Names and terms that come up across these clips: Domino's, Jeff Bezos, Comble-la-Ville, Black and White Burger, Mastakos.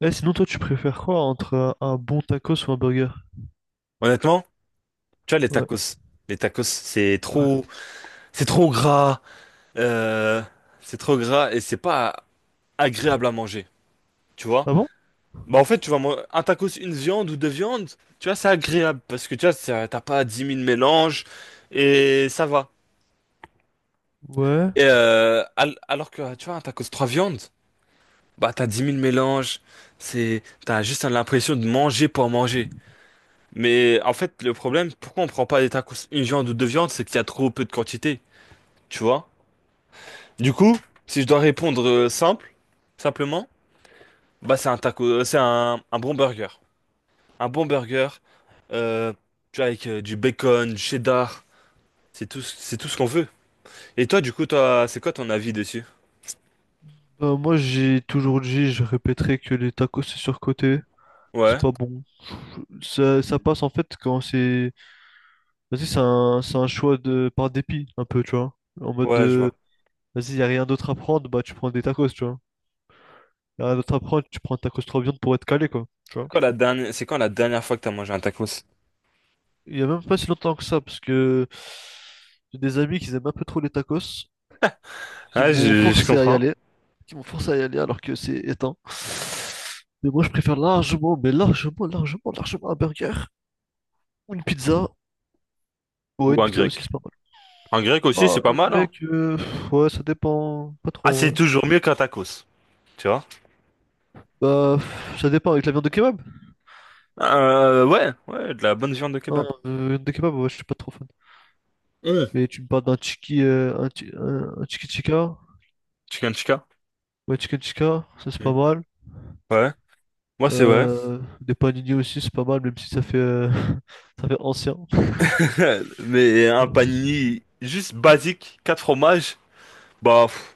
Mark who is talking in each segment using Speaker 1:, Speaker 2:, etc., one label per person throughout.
Speaker 1: Eh, sinon, toi, tu préfères quoi entre un bon tacos ou un burger?
Speaker 2: Honnêtement, tu vois,
Speaker 1: Ouais,
Speaker 2: les tacos,
Speaker 1: ouais.
Speaker 2: c'est trop gras, euh, c'est trop gras et c'est pas agréable à manger, tu vois.
Speaker 1: Ah bon?
Speaker 2: Bah, en fait, tu vois, moi, un tacos, une viande ou deux viandes, tu vois, c'est agréable parce que tu vois, t'as pas 10 000 mélanges et ça va.
Speaker 1: Ouais.
Speaker 2: Et, alors que, tu vois, un tacos, trois viandes, bah, t'as 10 000 mélanges, t'as juste l'impression de manger pour manger. Mais en fait, le problème, pourquoi on prend pas des tacos, une viande ou deux viandes, c'est qu'il y a trop peu de quantité, tu vois. Du coup, si je dois répondre simplement, bah c'est un bon burger. Un bon burger, euh, tu vois, avec du bacon, du cheddar, c'est tout ce qu'on veut. Et toi, du coup, toi, c'est quoi ton avis dessus?
Speaker 1: Bah, moi, j'ai toujours dit, je répéterai que les tacos, c'est surcoté. C'est
Speaker 2: Ouais,
Speaker 1: pas bon. Ça passe, en fait, quand c'est... Vas-y, c'est un choix de... par dépit, un peu, tu vois. En mode
Speaker 2: ouais, je
Speaker 1: de...
Speaker 2: vois.
Speaker 1: Vas-y, y a rien d'autre à prendre, bah, tu prends des tacos, tu vois. Y a rien d'autre à prendre, tu prends un tacos trois viandes pour être calé, quoi. Tu
Speaker 2: C'est
Speaker 1: vois.
Speaker 2: Quand la dernière, c'est quand la dernière fois que t'as mangé un tacos?
Speaker 1: Il y a même pas si longtemps que ça, parce que... J'ai des amis qui aiment un peu trop les tacos, qui
Speaker 2: Ah,
Speaker 1: m'ont
Speaker 2: je
Speaker 1: forcé à y
Speaker 2: comprends.
Speaker 1: aller. Qui m'ont forcé à y aller alors que c'est éteint. Mais moi, je préfère largement, mais largement, largement, largement un burger ou une pizza. Ouais,
Speaker 2: Ou
Speaker 1: une
Speaker 2: un
Speaker 1: pizza aussi,
Speaker 2: grec.
Speaker 1: c'est pas mal.
Speaker 2: Un grec aussi,
Speaker 1: Ah,
Speaker 2: c'est pas
Speaker 1: je
Speaker 2: mal,
Speaker 1: dirais
Speaker 2: hein.
Speaker 1: que, pff, ouais, ça dépend. Pas
Speaker 2: Ah,
Speaker 1: trop,
Speaker 2: c'est
Speaker 1: ouais.
Speaker 2: toujours mieux qu'un tacos, tu vois?
Speaker 1: Bah, pff, ça dépend avec la viande de kebab.
Speaker 2: Ouais, ouais, de la bonne viande de
Speaker 1: Non,
Speaker 2: kebab.
Speaker 1: viande de kebab, ouais, je suis pas trop fan.
Speaker 2: Mmh.
Speaker 1: Mais tu me parles d'un tiki, un, un tiki tikka,
Speaker 2: Chicken tikka.
Speaker 1: ouais, chicken tikka, ça c'est
Speaker 2: Mmh.
Speaker 1: pas mal.
Speaker 2: Ouais, moi c'est vrai.
Speaker 1: Des panini aussi, c'est pas mal, même si ça fait, ça fait ancien.
Speaker 2: Mais un panini juste basique, quatre fromages, bah, pff,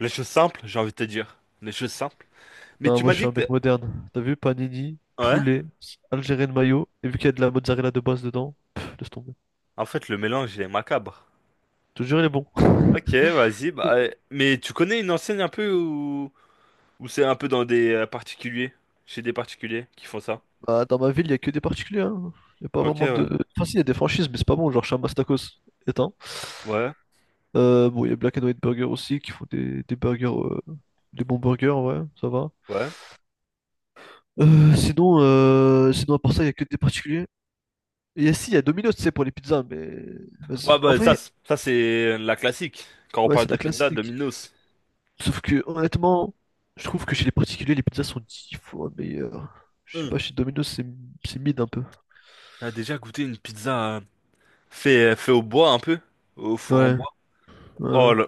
Speaker 2: les choses simples, j'ai envie de te dire. Les choses simples. Mais
Speaker 1: Non,
Speaker 2: tu
Speaker 1: moi
Speaker 2: m'as
Speaker 1: je suis
Speaker 2: dit
Speaker 1: un
Speaker 2: que
Speaker 1: mec
Speaker 2: t'es-
Speaker 1: moderne. T'as vu, panini,
Speaker 2: Ouais,
Speaker 1: poulet, algérien de mayo, et vu qu'il y a de la mozzarella de base dedans, pff, laisse tomber.
Speaker 2: en fait, le mélange, il est macabre.
Speaker 1: Je te jure, il est bon.
Speaker 2: Ok, vas-y, bah, mais tu connais une enseigne un peu où c'est un peu dans des particuliers, chez des particuliers qui font ça?
Speaker 1: Bah, dans ma ville, il y a que des particuliers. Hein. Il y a pas
Speaker 2: Ok,
Speaker 1: vraiment
Speaker 2: ouais.
Speaker 1: de. Enfin, si, il y a des franchises, mais c'est pas bon. Genre, chez Mastakos est un.
Speaker 2: Ouais,
Speaker 1: Bon, il y a Black and White Burger aussi qui font des burgers, des bons burgers, ouais, ça va.
Speaker 2: ouais.
Speaker 1: Sinon, à part ça, il y a que des particuliers. Et si, il y a Domino's, tu sais, pour les pizzas, mais. Vas-y.
Speaker 2: Ouais,
Speaker 1: En
Speaker 2: bah,
Speaker 1: vrai,
Speaker 2: ça c'est la classique. Quand on
Speaker 1: ouais,
Speaker 2: parle
Speaker 1: c'est
Speaker 2: de
Speaker 1: la
Speaker 2: pizza,
Speaker 1: classique.
Speaker 2: Domino's.
Speaker 1: Sauf que honnêtement, je trouve que chez les particuliers, les pizzas sont dix fois meilleures. Je sais
Speaker 2: Hmm.
Speaker 1: pas, chez Domino's, c'est mid un peu.
Speaker 2: T'as déjà goûté une pizza fait au bois un peu? Au four en
Speaker 1: Ouais,
Speaker 2: bois?
Speaker 1: ouais,
Speaker 2: Oh
Speaker 1: ouais.
Speaker 2: là.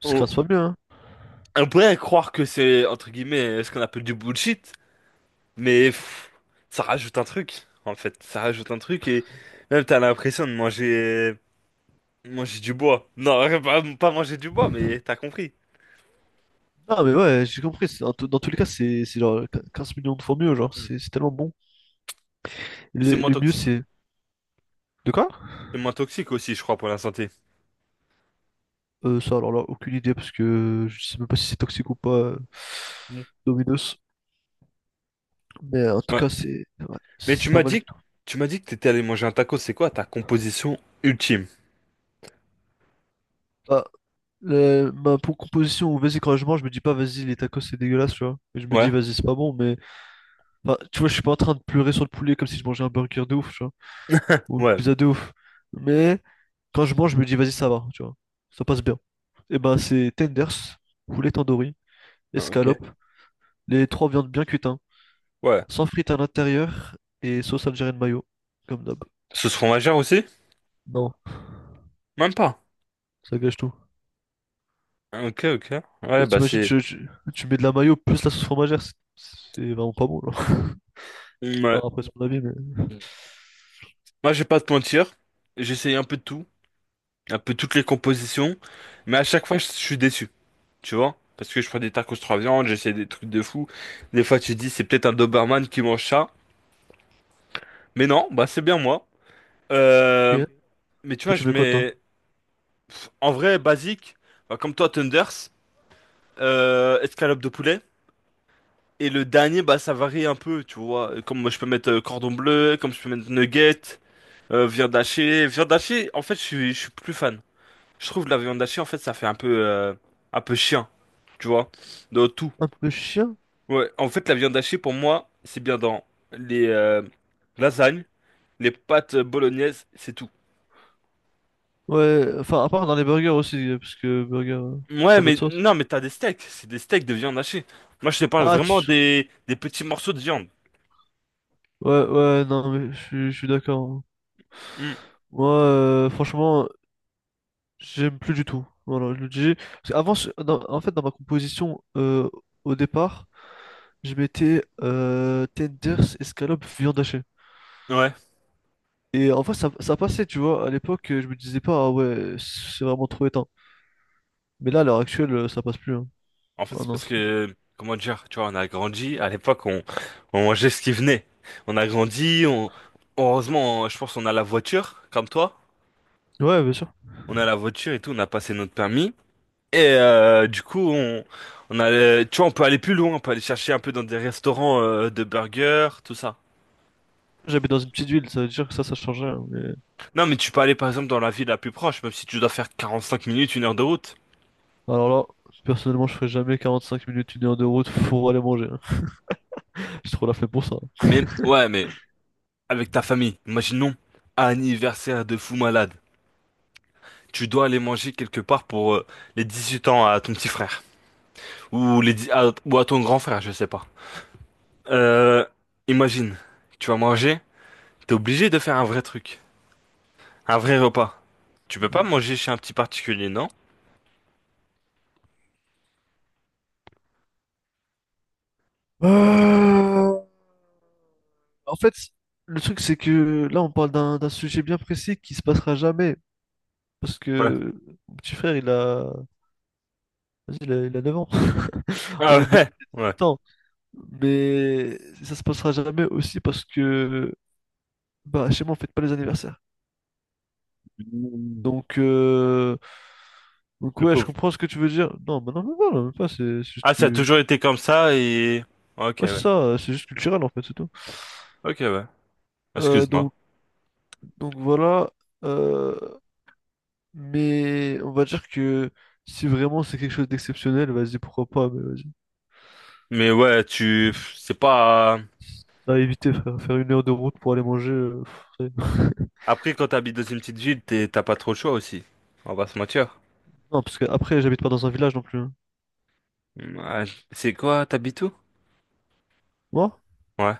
Speaker 1: C'est 15 fois mieux, hein.
Speaker 2: On pourrait croire que c'est, entre guillemets, ce qu'on appelle du bullshit, mais pff, ça rajoute un truc, en fait. Ça rajoute un truc et même t'as l'impression de manger du bois. Non, pas manger du bois, mais t'as compris.
Speaker 1: Non, mais ouais, j'ai compris. Dans tous les cas, c'est genre 15 millions de fois mieux, genre,
Speaker 2: Hmm.
Speaker 1: c'est tellement bon.
Speaker 2: Et c'est
Speaker 1: Le,
Speaker 2: moins
Speaker 1: le mieux,
Speaker 2: toxique.
Speaker 1: c'est. De quoi?
Speaker 2: C'est moins toxique aussi, je crois, pour la santé.
Speaker 1: Ça, alors là, aucune idée, parce que je sais même pas si c'est toxique ou pas,
Speaker 2: Hmm.
Speaker 1: Domino's. Mais en tout
Speaker 2: Ouais.
Speaker 1: cas, c'est ouais,
Speaker 2: Mais
Speaker 1: c'est pas mal du tout.
Speaker 2: tu m'as dit que t'étais allé manger un taco, c'est quoi ta composition ultime?
Speaker 1: Bah, ma pour composition, vas-y, quand je mange, je me dis pas, vas-y, les tacos, c'est dégueulasse, tu vois. Je me dis,
Speaker 2: Ouais.
Speaker 1: vas-y, c'est pas bon, mais enfin, tu vois, je suis pas en train de pleurer sur le poulet comme si je mangeais un burger de ouf, tu vois, ou une
Speaker 2: Ouais.
Speaker 1: pizza de ouf. Mais quand je mange, je me dis, vas-y, ça va, tu vois, ça passe bien. Et ben, c'est tenders, poulet tandoori,
Speaker 2: Ah, Ok.
Speaker 1: escalope, les trois viandes bien cuites, hein,
Speaker 2: Ouais.
Speaker 1: sans frites à l'intérieur et sauce algérienne mayo, comme d'hab.
Speaker 2: Sauce fromagère aussi?
Speaker 1: Non,
Speaker 2: Même pas.
Speaker 1: ça gâche tout.
Speaker 2: Ah, Ok, ok. Ouais,
Speaker 1: Bah,
Speaker 2: bah
Speaker 1: t'imagines,
Speaker 2: c'est...
Speaker 1: tu mets de la mayo plus la sauce fromagère, c'est vraiment pas bon, genre.
Speaker 2: Ouais.
Speaker 1: Enfin, après, c'est mon avis, mais.
Speaker 2: Moi, je vais pas te mentir, j'essaye un peu de tout, un peu toutes les compositions, mais à chaque fois, je suis déçu, tu vois? Parce que je prends des tacos trois viandes, j'essaie des trucs de fou. Des fois, tu te dis, c'est peut-être un Doberman qui mange ça. Mais non, bah, c'est bien moi. Euh,
Speaker 1: Ok.
Speaker 2: mais tu
Speaker 1: Toi,
Speaker 2: vois,
Speaker 1: tu
Speaker 2: je
Speaker 1: mets quoi, toi?
Speaker 2: mets, en vrai, basique, bah, comme toi, Thunders, escalope de poulet. Et le dernier, bah, ça varie un peu, tu vois? Comme moi, je peux mettre cordon bleu, comme je peux mettre nuggets, viande hachée. Viande hachée, en fait, je suis plus fan. Je trouve que la viande hachée, en fait, ça fait un peu chien, tu vois, dans tout.
Speaker 1: Un peu chien?
Speaker 2: Ouais, en fait, la viande hachée, pour moi, c'est bien dans les lasagnes, les pâtes bolognaises, c'est tout.
Speaker 1: Ouais, enfin, à part dans les burgers aussi, parce que burger,
Speaker 2: Ouais,
Speaker 1: ça va de
Speaker 2: mais
Speaker 1: sauce.
Speaker 2: non, mais t'as des steaks, c'est des steaks de viande hachée. Moi, je te parle
Speaker 1: Ah, tu...
Speaker 2: vraiment des petits morceaux de viande.
Speaker 1: ouais, ouais, non, mais je suis d'accord. Hein.
Speaker 2: Hmm,
Speaker 1: Moi, franchement, j'aime plus du tout. Voilà, je le dis. Parce qu'avant, en fait, dans ma composition, au départ, je mettais tenders, escalope, viande hachée.
Speaker 2: ouais.
Speaker 1: Et en fait, ça passait, tu vois. À l'époque, je me disais pas, ah ouais, c'est vraiment trop éteint. Mais là, à l'heure actuelle, ça passe plus. Hein.
Speaker 2: En fait,
Speaker 1: Ah
Speaker 2: c'est
Speaker 1: non.
Speaker 2: parce que, comment dire, tu vois, on a grandi, à l'époque, on mangeait ce qui venait. On a grandi, heureusement, je pense qu'on a la voiture, comme toi.
Speaker 1: Ouais, bien sûr.
Speaker 2: On a la voiture et tout, on a passé notre permis. Et du coup, on a, tu vois, on peut aller plus loin, on peut aller chercher un peu dans des restaurants de burgers, tout ça.
Speaker 1: J'habite dans une petite ville, ça veut dire que ça changeait. Hein, mais...
Speaker 2: Non, mais tu peux aller par exemple dans la ville la plus proche, même si tu dois faire 45 minutes, 1 heure de route.
Speaker 1: Alors là, personnellement, je ferais jamais 45 minutes, une heure de route pour aller manger. Hein. J'ai trop la flemme pour ça.
Speaker 2: Mais ouais, mais avec ta famille, imaginons anniversaire de fou malade. Tu dois aller manger quelque part pour les 18 ans à ton petit frère ou ou à ton grand frère, je sais pas. Euh, Imagine, tu vas manger, t'es obligé de faire un vrai truc, un vrai repas. Tu peux pas manger chez un petit particulier, non?
Speaker 1: Euh, En fait, le truc, c'est que là, on parle d'un sujet bien précis qui se passera jamais. Parce que mon petit frère, vas-y, il a 9 ans. On
Speaker 2: Ah
Speaker 1: est bien
Speaker 2: ouais,
Speaker 1: à
Speaker 2: ouais.
Speaker 1: 18 ans. Mais ça se passera jamais aussi parce que bah, chez moi, on fête pas les anniversaires.
Speaker 2: Mmh.
Speaker 1: Donc, euh, donc
Speaker 2: Le
Speaker 1: ouais, je
Speaker 2: pauvre.
Speaker 1: comprends ce que tu veux dire. Non, mais non, mais voilà, même pas, c'est juste
Speaker 2: Ah, ça a
Speaker 1: que...
Speaker 2: toujours été comme ça et... Ok,
Speaker 1: Ouais, c'est
Speaker 2: ouais.
Speaker 1: ça, c'est juste culturel, en fait, c'est tout.
Speaker 2: Ok, ouais.
Speaker 1: Euh,
Speaker 2: Excuse-moi.
Speaker 1: donc, donc voilà. Euh, Mais on va dire que si vraiment c'est quelque chose d'exceptionnel, vas-y, pourquoi pas, mais vas-y.
Speaker 2: Mais ouais, tu... pff, C'est pas...
Speaker 1: À éviter, frère, faire une heure de route pour aller manger. Pff, ça y est.
Speaker 2: Après, quand t'habites dans une petite ville, t'as pas trop le choix aussi. On va se mentir.
Speaker 1: Non, parce que après j'habite pas dans un village non plus. Hein.
Speaker 2: Ouais. C'est quoi, t'habites où?
Speaker 1: Moi,
Speaker 2: Ouais.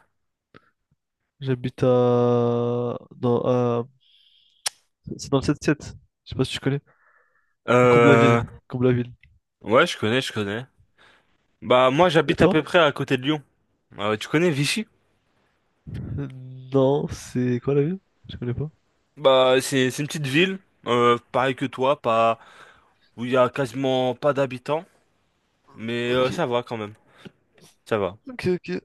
Speaker 1: j'habite à... dans, à- c'est dans le 7-7. Je sais pas si tu connais. Comble-la-Ville.
Speaker 2: Euh...
Speaker 1: Comble-la-Ville.
Speaker 2: Ouais, je connais, je connais. Bah, moi,
Speaker 1: Et
Speaker 2: j'habite à
Speaker 1: toi?
Speaker 2: peu près à côté de Lyon. Tu connais Vichy?
Speaker 1: Euh, Non, c'est quoi la ville? Je connais pas.
Speaker 2: Bah, c'est une petite ville, pareil que toi, pas... où il y a quasiment pas d'habitants, mais
Speaker 1: Ok,
Speaker 2: ça va quand même. Ça va.
Speaker 1: ok, ok.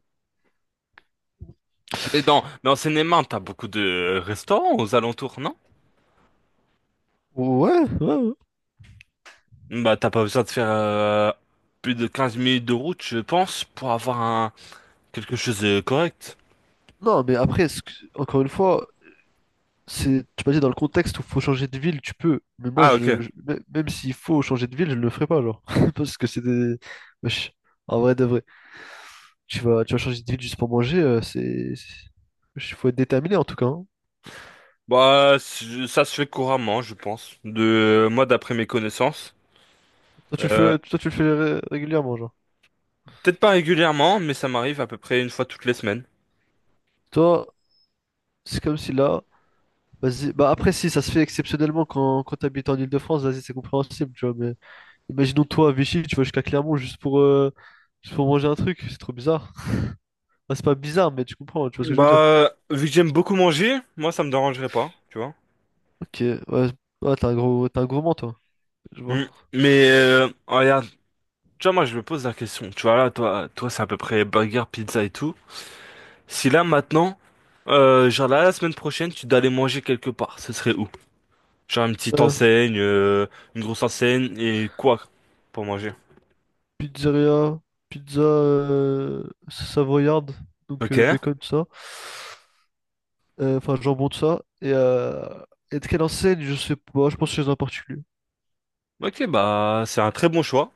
Speaker 2: Mais en Seine-et-Marne, t'as beaucoup de restaurants aux alentours, non?
Speaker 1: Ouais, ouais, ouais.
Speaker 2: Bah, t'as pas besoin de faire plus de 15 minutes de route, je pense, pour avoir un quelque chose de correct.
Speaker 1: Non, mais après, encore une fois, c'est, tu m'as dit dans le contexte où faut changer de ville, tu peux. Mais moi,
Speaker 2: Ah, ok.
Speaker 1: même s'il faut changer de ville, je ne le ferai pas, genre. Parce que c'est des. Wesh, en vrai de vrai. Tu vas changer de ville juste pour manger, wesh, faut être déterminé en tout cas. Hein.
Speaker 2: Bah, ça se fait couramment, je pense. De moi, d'après mes connaissances.
Speaker 1: Toi, tu le
Speaker 2: Euh,
Speaker 1: fais, toi, tu le fais régulièrement, genre.
Speaker 2: Peut-être pas régulièrement, mais ça m'arrive à peu près une fois toutes les semaines.
Speaker 1: Toi, c'est comme si là. Vas-y. Bah après, si, ça se fait exceptionnellement quand t'habites en Île-de-France, vas-y, c'est compréhensible, tu vois. Mais imaginons toi à Vichy, tu vas jusqu'à Clermont juste pour manger un truc, c'est trop bizarre. Bah, c'est pas bizarre, mais tu comprends, tu vois ce que je veux dire.
Speaker 2: Bah, vu que j'aime beaucoup manger, moi, ça me dérangerait pas, tu vois.
Speaker 1: Ok, ouais, ouais, t'es un gourmand, toi, je vois.
Speaker 2: Mm. Mais regarde, tu vois, moi, je me pose la question. Tu vois là, toi, toi, c'est à peu près burger, pizza et tout. Si là maintenant, genre là, la semaine prochaine, tu dois aller manger quelque part, ce serait où? Genre une petite
Speaker 1: Pizza-
Speaker 2: enseigne, une grosse enseigne et quoi pour manger?
Speaker 1: pizzeria, pizza savoyarde, donc
Speaker 2: Ok,
Speaker 1: bacon, tout ça. Enfin, jambon, tout ça. Et de quelle enseigne, je sais pas, je pense chez un particulier.
Speaker 2: ok, bah c'est un très bon choix.